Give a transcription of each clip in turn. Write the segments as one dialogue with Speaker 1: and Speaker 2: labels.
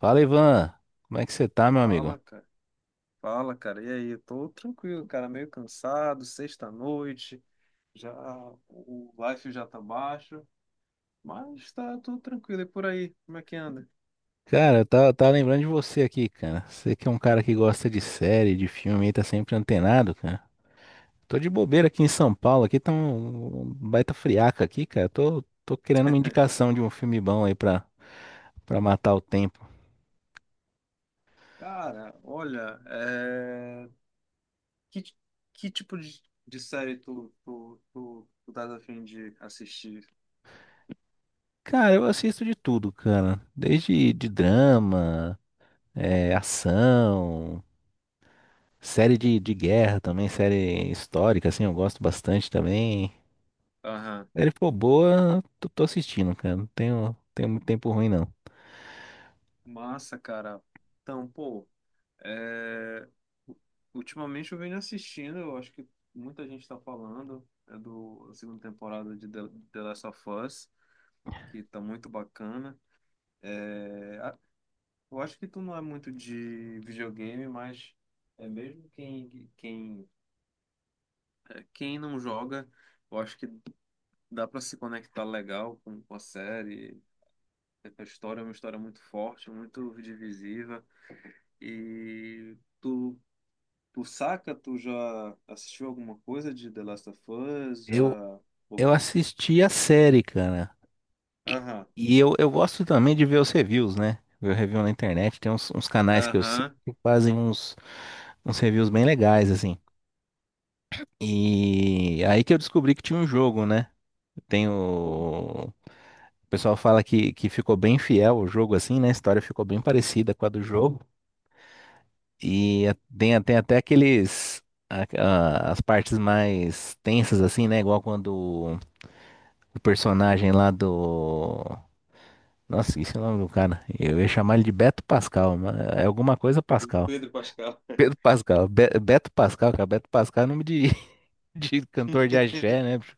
Speaker 1: Fala, Ivan. Como é que você tá, meu amigo?
Speaker 2: Fala, cara. Fala, cara. E aí? Eu tô tranquilo, cara. Meio cansado, sexta-noite. Já o life já tá baixo, mas tá tudo tranquilo. E por aí, como é que anda?
Speaker 1: Cara, eu tava lembrando de você aqui, cara. Você que é um cara que gosta de série, de filme, aí tá sempre antenado, cara. Tô de bobeira aqui em São Paulo, aqui tá um baita friaca aqui, cara. Tô querendo uma indicação de um filme bom aí pra matar o tempo.
Speaker 2: Cara, olha, que, ti- que tipo de série tu tá a fim de assistir?
Speaker 1: Cara, eu assisto de tudo, cara. Desde de drama, ação, série de guerra também, série histórica, assim, eu gosto bastante também.
Speaker 2: Aham.
Speaker 1: Ele for boa, tô assistindo, cara. Não tenho muito tempo ruim, não.
Speaker 2: Massa, cara. Então, pô. É, ultimamente eu venho assistindo, eu acho que muita gente está falando, é do da segunda temporada de The Last of Us, que tá muito bacana. É, a- eu acho que tu não é muito de videogame, mas é mesmo quem não joga, eu acho que dá para se conectar legal com a série. A história é uma história muito forte, muito divisiva, e tu Tu saca? Tu já assistiu alguma coisa de The Last of Us?
Speaker 1: Eu,
Speaker 2: Já. Ou-
Speaker 1: eu assisti a série, cara.
Speaker 2: Aham,
Speaker 1: E eu gosto também de ver os reviews, né? Ver o review na internet. Tem uns canais que eu sigo
Speaker 2: aham.
Speaker 1: que fazem uns, uns reviews bem legais, assim. E aí que eu descobri que tinha um jogo, né? Tem
Speaker 2: Ou
Speaker 1: o. O pessoal fala que ficou bem fiel o jogo, assim, né? A história ficou bem parecida com a do jogo. E tem até aqueles. As partes mais tensas, assim, né? Igual quando o personagem lá do. Nossa, esqueci o nome do cara. Eu ia chamar ele de Beto Pascal, mas é alguma coisa Pascal.
Speaker 2: Pedro Pascal.
Speaker 1: Pedro Pascal. Beto Pascal, cara. Beto Pascal é nome de, de cantor de axé, né? Bicho?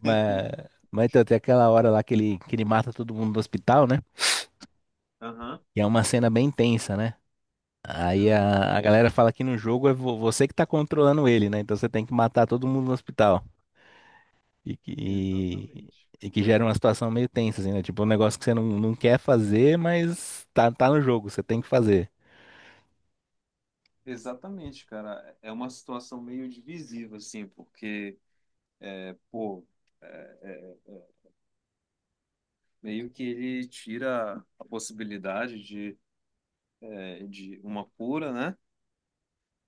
Speaker 1: Mas, mas então, tem aquela hora lá que ele mata todo mundo no hospital, né?
Speaker 2: Aham,
Speaker 1: E é uma cena bem tensa, né? Aí
Speaker 2: aham.
Speaker 1: a galera fala que no jogo é você que tá controlando ele, né? Então você tem que matar todo mundo no hospital. E
Speaker 2: Exatamente.
Speaker 1: que gera uma situação meio tensa, assim, né? Tipo, um negócio que você não quer fazer, mas tá no jogo, você tem que fazer.
Speaker 2: Exatamente, cara. É uma situação meio divisiva, assim, porque, é, pô, é, é, é, meio que ele tira a possibilidade de, de uma cura, né?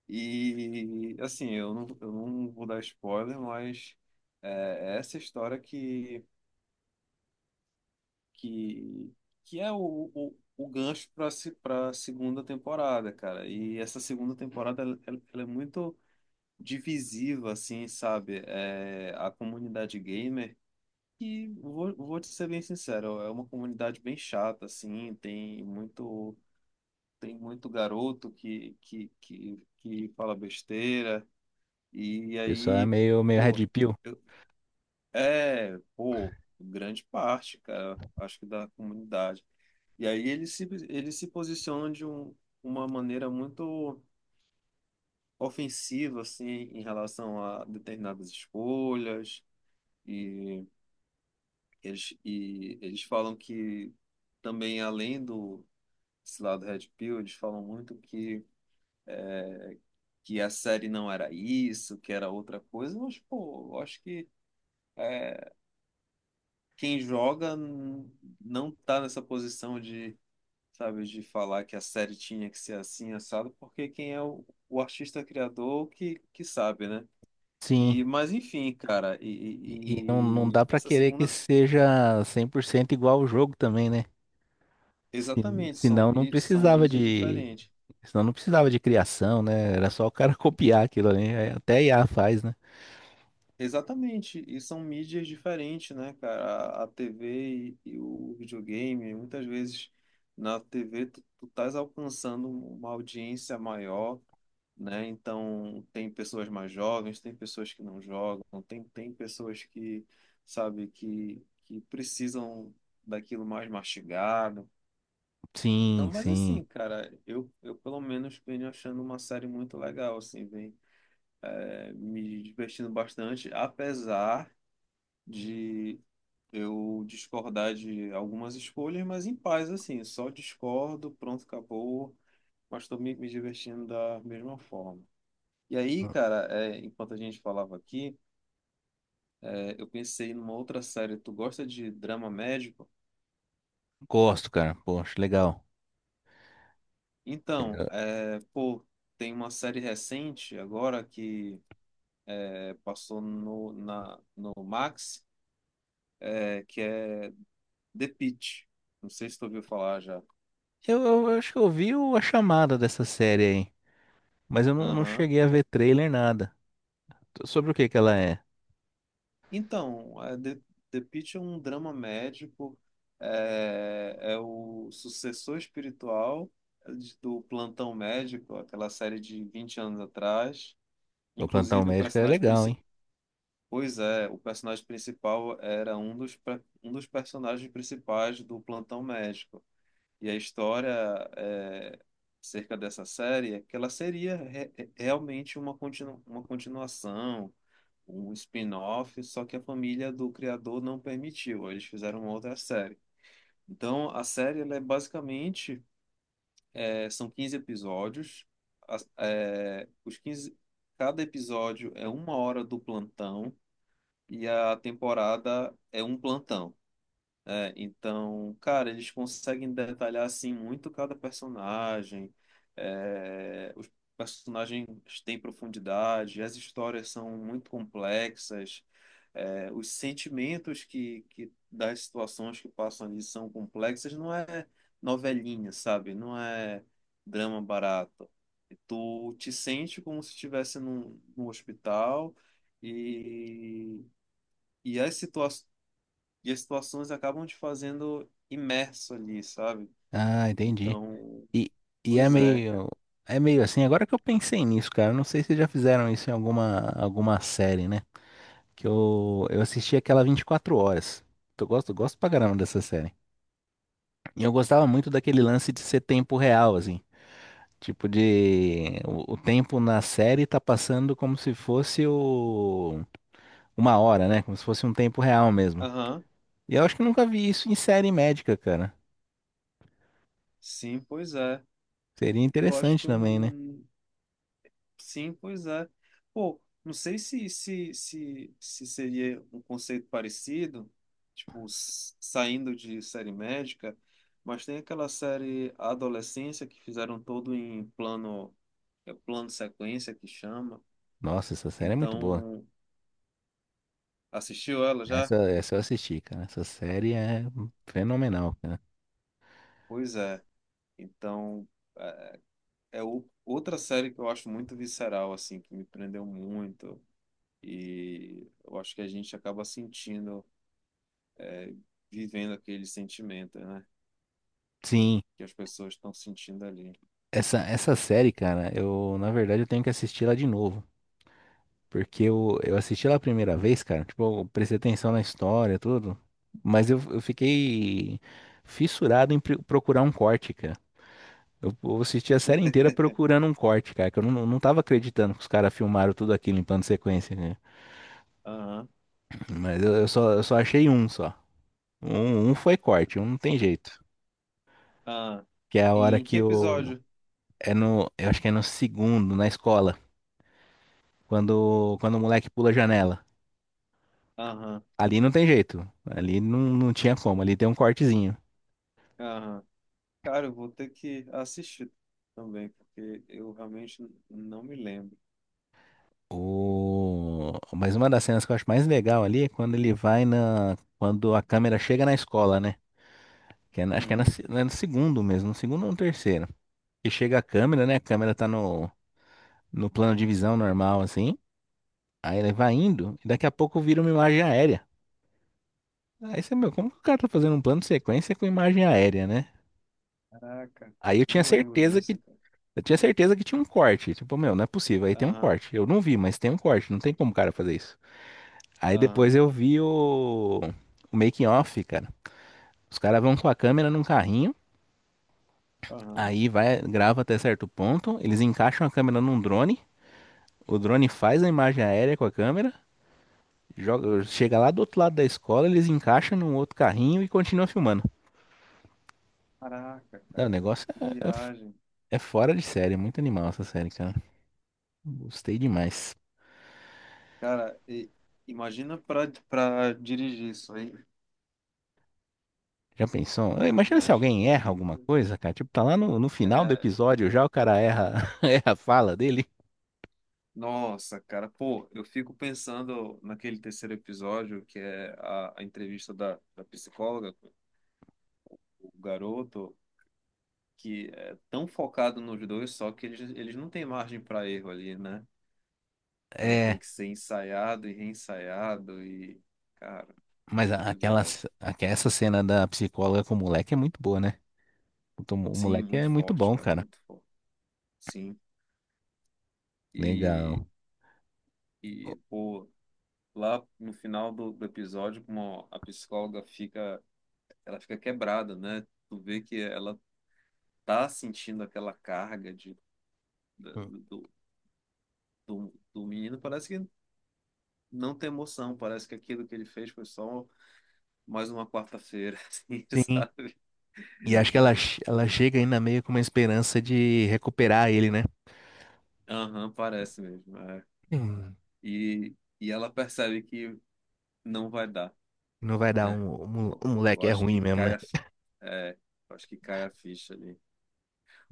Speaker 2: E, assim, eu não vou dar spoiler, mas é é essa história que. Que, que é o gancho para a segunda temporada, cara. E essa segunda temporada ela é muito divisiva, assim, sabe? É, a comunidade gamer, que vou te ser bem sincero, é uma comunidade bem chata, assim, tem muito garoto que fala besteira, e
Speaker 1: O pessoal é
Speaker 2: aí,
Speaker 1: meio red
Speaker 2: pô,
Speaker 1: pill.
Speaker 2: pô, grande parte, cara, acho que da comunidade. E aí eles se posicionam uma maneira muito ofensiva, assim, em relação a determinadas escolhas. E e eles falam que também, além do esse lado Red Pill, eles falam muito que a série não era isso, que era outra coisa. Mas, pô, eu acho que é, quem não tá nessa posição sabe, de falar que a série tinha que ser assim, assado, porque quem é o artista criador que sabe, né?
Speaker 1: Sim.
Speaker 2: E, mas enfim, cara,
Speaker 1: E não
Speaker 2: e
Speaker 1: dá pra
Speaker 2: essa
Speaker 1: querer que
Speaker 2: segunda,
Speaker 1: seja 100% igual ao jogo também, né? Se,
Speaker 2: exatamente,
Speaker 1: senão não
Speaker 2: são
Speaker 1: precisava
Speaker 2: mídias
Speaker 1: de,
Speaker 2: diferentes.
Speaker 1: senão não precisava de criação, né? Era só o cara copiar aquilo ali. Até I a IA faz, né?
Speaker 2: Exatamente, e são mídias diferentes, né, cara? A TV e o videogame, muitas vezes na TV tu estás alcançando uma audiência maior, né? Então, tem pessoas mais jovens, tem pessoas que não jogam, tem pessoas que precisam daquilo mais mastigado. Então,
Speaker 1: Sim,
Speaker 2: mas
Speaker 1: sim.
Speaker 2: assim, cara, eu pelo menos venho achando uma série muito legal, assim, vem me divertindo bastante, apesar de eu discordar de algumas escolhas, mas em paz, assim, só discordo, pronto, acabou, mas estou me divertindo da mesma forma. E aí, cara, enquanto a gente falava aqui, eu pensei numa outra série. Tu gosta de drama médico?
Speaker 1: Gosto, cara. Poxa, legal.
Speaker 2: Então, pô, tem uma série recente agora que é, passou no, na, no Max, que é The Pitt. Não sei se tu ouviu falar já.
Speaker 1: Eu acho que eu vi a chamada dessa série aí, mas eu não
Speaker 2: Aham.
Speaker 1: cheguei a ver trailer, nada. Sobre o que que ela é?
Speaker 2: Então, The Pitt é um drama médico, é o sucessor espiritual, do Plantão Médico, aquela série de 20 anos atrás.
Speaker 1: O Plantão
Speaker 2: Inclusive, o
Speaker 1: Médico é
Speaker 2: personagem
Speaker 1: legal,
Speaker 2: principal.
Speaker 1: hein?
Speaker 2: Pois é, o personagem principal era um um dos personagens principais do Plantão Médico. E a história, é, acerca dessa série, é que ela seria realmente uma continuação, um spin-off, só que a família do criador não permitiu, eles fizeram uma outra série. Então, a série ela é basicamente, são 15 episódios. As- é, os 15 Cada episódio é uma hora do plantão e a temporada é um plantão. É, então, cara, eles conseguem detalhar assim muito cada personagem. É, os personagens têm profundidade, as histórias são muito complexas, os sentimentos que das situações que passam ali são complexas. Não é novelinha, sabe? Não é drama barato. Tu te sente como se estivesse num, num hospital. E e as situa e as situações acabam te fazendo imerso ali, sabe?
Speaker 1: Ah, entendi.
Speaker 2: Então,
Speaker 1: E, e é
Speaker 2: pois é, cara.
Speaker 1: meio, é meio assim, agora que eu pensei nisso, cara, não sei se já fizeram isso em alguma, alguma série, né? Que eu assisti aquela 24 horas. Eu gosto pra caramba dessa série. E eu gostava muito daquele lance de ser tempo real, assim. Tipo de. O tempo na série tá passando como se fosse o uma hora, né? Como se fosse um tempo real mesmo.
Speaker 2: Aham,
Speaker 1: E eu acho que eu nunca vi isso em série médica, cara.
Speaker 2: sim, pois é.
Speaker 1: Seria
Speaker 2: Eu acho
Speaker 1: interessante
Speaker 2: que eu.
Speaker 1: também, né?
Speaker 2: Sim, pois é. Pô, não sei se, se seria um conceito parecido, tipo, saindo de série médica, mas tem aquela série Adolescência que fizeram todo em plano, é plano sequência que chama.
Speaker 1: Nossa, essa série é muito boa.
Speaker 2: Então, assistiu ela já?
Speaker 1: Essa eu assisti, cara. Essa série é fenomenal, cara.
Speaker 2: Pois é. Então, é, é o- outra série que eu acho muito visceral, assim, que me prendeu muito. E eu acho que a gente acaba sentindo, vivendo aquele sentimento, né?
Speaker 1: Sim,
Speaker 2: Que as pessoas estão sentindo ali.
Speaker 1: essa série, cara, eu, na verdade, eu tenho que assistir ela de novo. Porque eu assisti ela a primeira vez, cara, tipo, eu prestei atenção na história, tudo. Mas eu fiquei fissurado em procurar um corte, cara. Eu assisti a série inteira procurando um corte, cara, que eu não tava acreditando que os caras filmaram tudo aquilo em plano de sequência, né?
Speaker 2: Aham,
Speaker 1: Mas eu só achei um só. Foi corte, um não tem jeito.
Speaker 2: aham.
Speaker 1: Que é a hora
Speaker 2: Em que
Speaker 1: que o.
Speaker 2: episódio?
Speaker 1: É no. Eu acho que é no segundo, na escola. Quando o moleque pula a janela.
Speaker 2: Aham,
Speaker 1: Ali não tem jeito. Ali não tinha como. Ali tem um cortezinho.
Speaker 2: aham. Cara, eu vou ter que assistir também, porque eu realmente não me lembro.
Speaker 1: O. Mas uma das cenas que eu acho mais legal ali é quando ele vai na. Quando a câmera chega na escola, né? Que é acho que é, na
Speaker 2: Uhum.
Speaker 1: se- é no segundo mesmo, no segundo ou no terceiro. E chega a câmera, né? A câmera tá no plano de visão normal, assim. Aí ele vai indo, e daqui a pouco vira uma imagem aérea. Aí você, meu, como que o cara tá fazendo um plano de sequência com imagem aérea, né?
Speaker 2: Caraca,
Speaker 1: Aí eu tinha
Speaker 2: não lembro
Speaker 1: certeza que.
Speaker 2: disso, cara.
Speaker 1: Eu tinha certeza que tinha um corte. Tipo, meu, não é possível. Aí tem um
Speaker 2: Aham,
Speaker 1: corte. Eu não vi, mas tem um corte. Não tem como o cara fazer isso. Aí depois
Speaker 2: aham,
Speaker 1: eu vi o making off, cara. Os caras vão com a câmera num carrinho,
Speaker 2: aham.
Speaker 1: aí vai, grava até certo ponto, eles encaixam a câmera num drone, o drone faz a imagem aérea com a câmera, joga, chega lá do outro lado da escola, eles encaixam num outro carrinho e continuam filmando.
Speaker 2: Caraca,
Speaker 1: Não, o
Speaker 2: cara.
Speaker 1: negócio
Speaker 2: Que
Speaker 1: é,
Speaker 2: viagem.
Speaker 1: é fora de série, é muito animal essa série, cara. Gostei demais.
Speaker 2: Cara, imagina pra para dirigir isso aí.
Speaker 1: Já pensou?
Speaker 2: A
Speaker 1: Imagina se
Speaker 2: viagem
Speaker 1: alguém erra
Speaker 2: que.
Speaker 1: alguma coisa, cara. Tipo, tá lá no final do
Speaker 2: É,
Speaker 1: episódio já o cara erra, erra a fala dele.
Speaker 2: nossa, cara, pô, eu fico pensando naquele terceiro episódio, que é a entrevista da psicóloga, com o garoto, que é tão focado nos dois, só que eles não têm margem para erro ali, né? Então tem
Speaker 1: É.
Speaker 2: que ser ensaiado e reensaiado e, cara,
Speaker 1: Mas
Speaker 2: muito viagem.
Speaker 1: essa cena da psicóloga com o moleque é muito boa, né? Puta, o o
Speaker 2: Sim,
Speaker 1: moleque
Speaker 2: muito
Speaker 1: é muito
Speaker 2: forte,
Speaker 1: bom,
Speaker 2: cara,
Speaker 1: cara.
Speaker 2: muito forte. Sim.
Speaker 1: Legal.
Speaker 2: E, e pô, lá no final do episódio, como a psicóloga fica, ela fica quebrada, né? Tu vê que ela tá sentindo aquela carga de, da-
Speaker 1: Hum.
Speaker 2: do, do, do menino, parece que não tem emoção, parece que aquilo que ele fez foi só mais uma quarta-feira, assim,
Speaker 1: Sim.
Speaker 2: sabe?
Speaker 1: E acho que
Speaker 2: Né?
Speaker 1: ela chega ainda meio com uma esperança de recuperar ele, né?
Speaker 2: Aham, parece mesmo. É.
Speaker 1: Hum,
Speaker 2: E, e ela percebe que não vai dar,
Speaker 1: não vai dar
Speaker 2: né?
Speaker 1: o
Speaker 2: Eu,
Speaker 1: o
Speaker 2: eu
Speaker 1: moleque é
Speaker 2: acho
Speaker 1: ruim
Speaker 2: que
Speaker 1: mesmo, né?
Speaker 2: cai a, fi- é, eu acho que cai a ficha ali.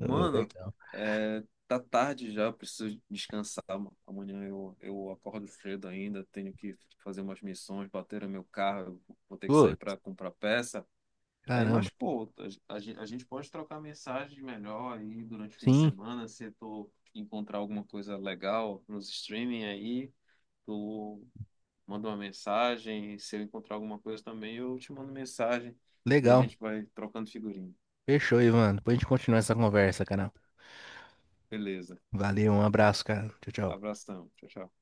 Speaker 1: Ah,
Speaker 2: Mano,
Speaker 1: legal.
Speaker 2: é, tá tarde já, eu preciso descansar, mano. Amanhã eu acordo cedo ainda, tenho que fazer umas missões, bateram meu carro, eu vou ter que sair
Speaker 1: Putz,
Speaker 2: para comprar peça. E aí, mas,
Speaker 1: caramba.
Speaker 2: pô, a gente pode trocar mensagens melhor aí durante o fim de
Speaker 1: Sim,
Speaker 2: semana, se tu encontrar alguma coisa legal nos streaming aí, tu manda uma mensagem, se eu encontrar alguma coisa também, eu te mando mensagem e a
Speaker 1: legal.
Speaker 2: gente vai trocando figurinha.
Speaker 1: Fechou, Ivan. Depois a gente continua essa conversa, cara.
Speaker 2: Beleza.
Speaker 1: Valeu, um abraço, cara. Tchau, tchau.
Speaker 2: Abração. Tchau, tchau.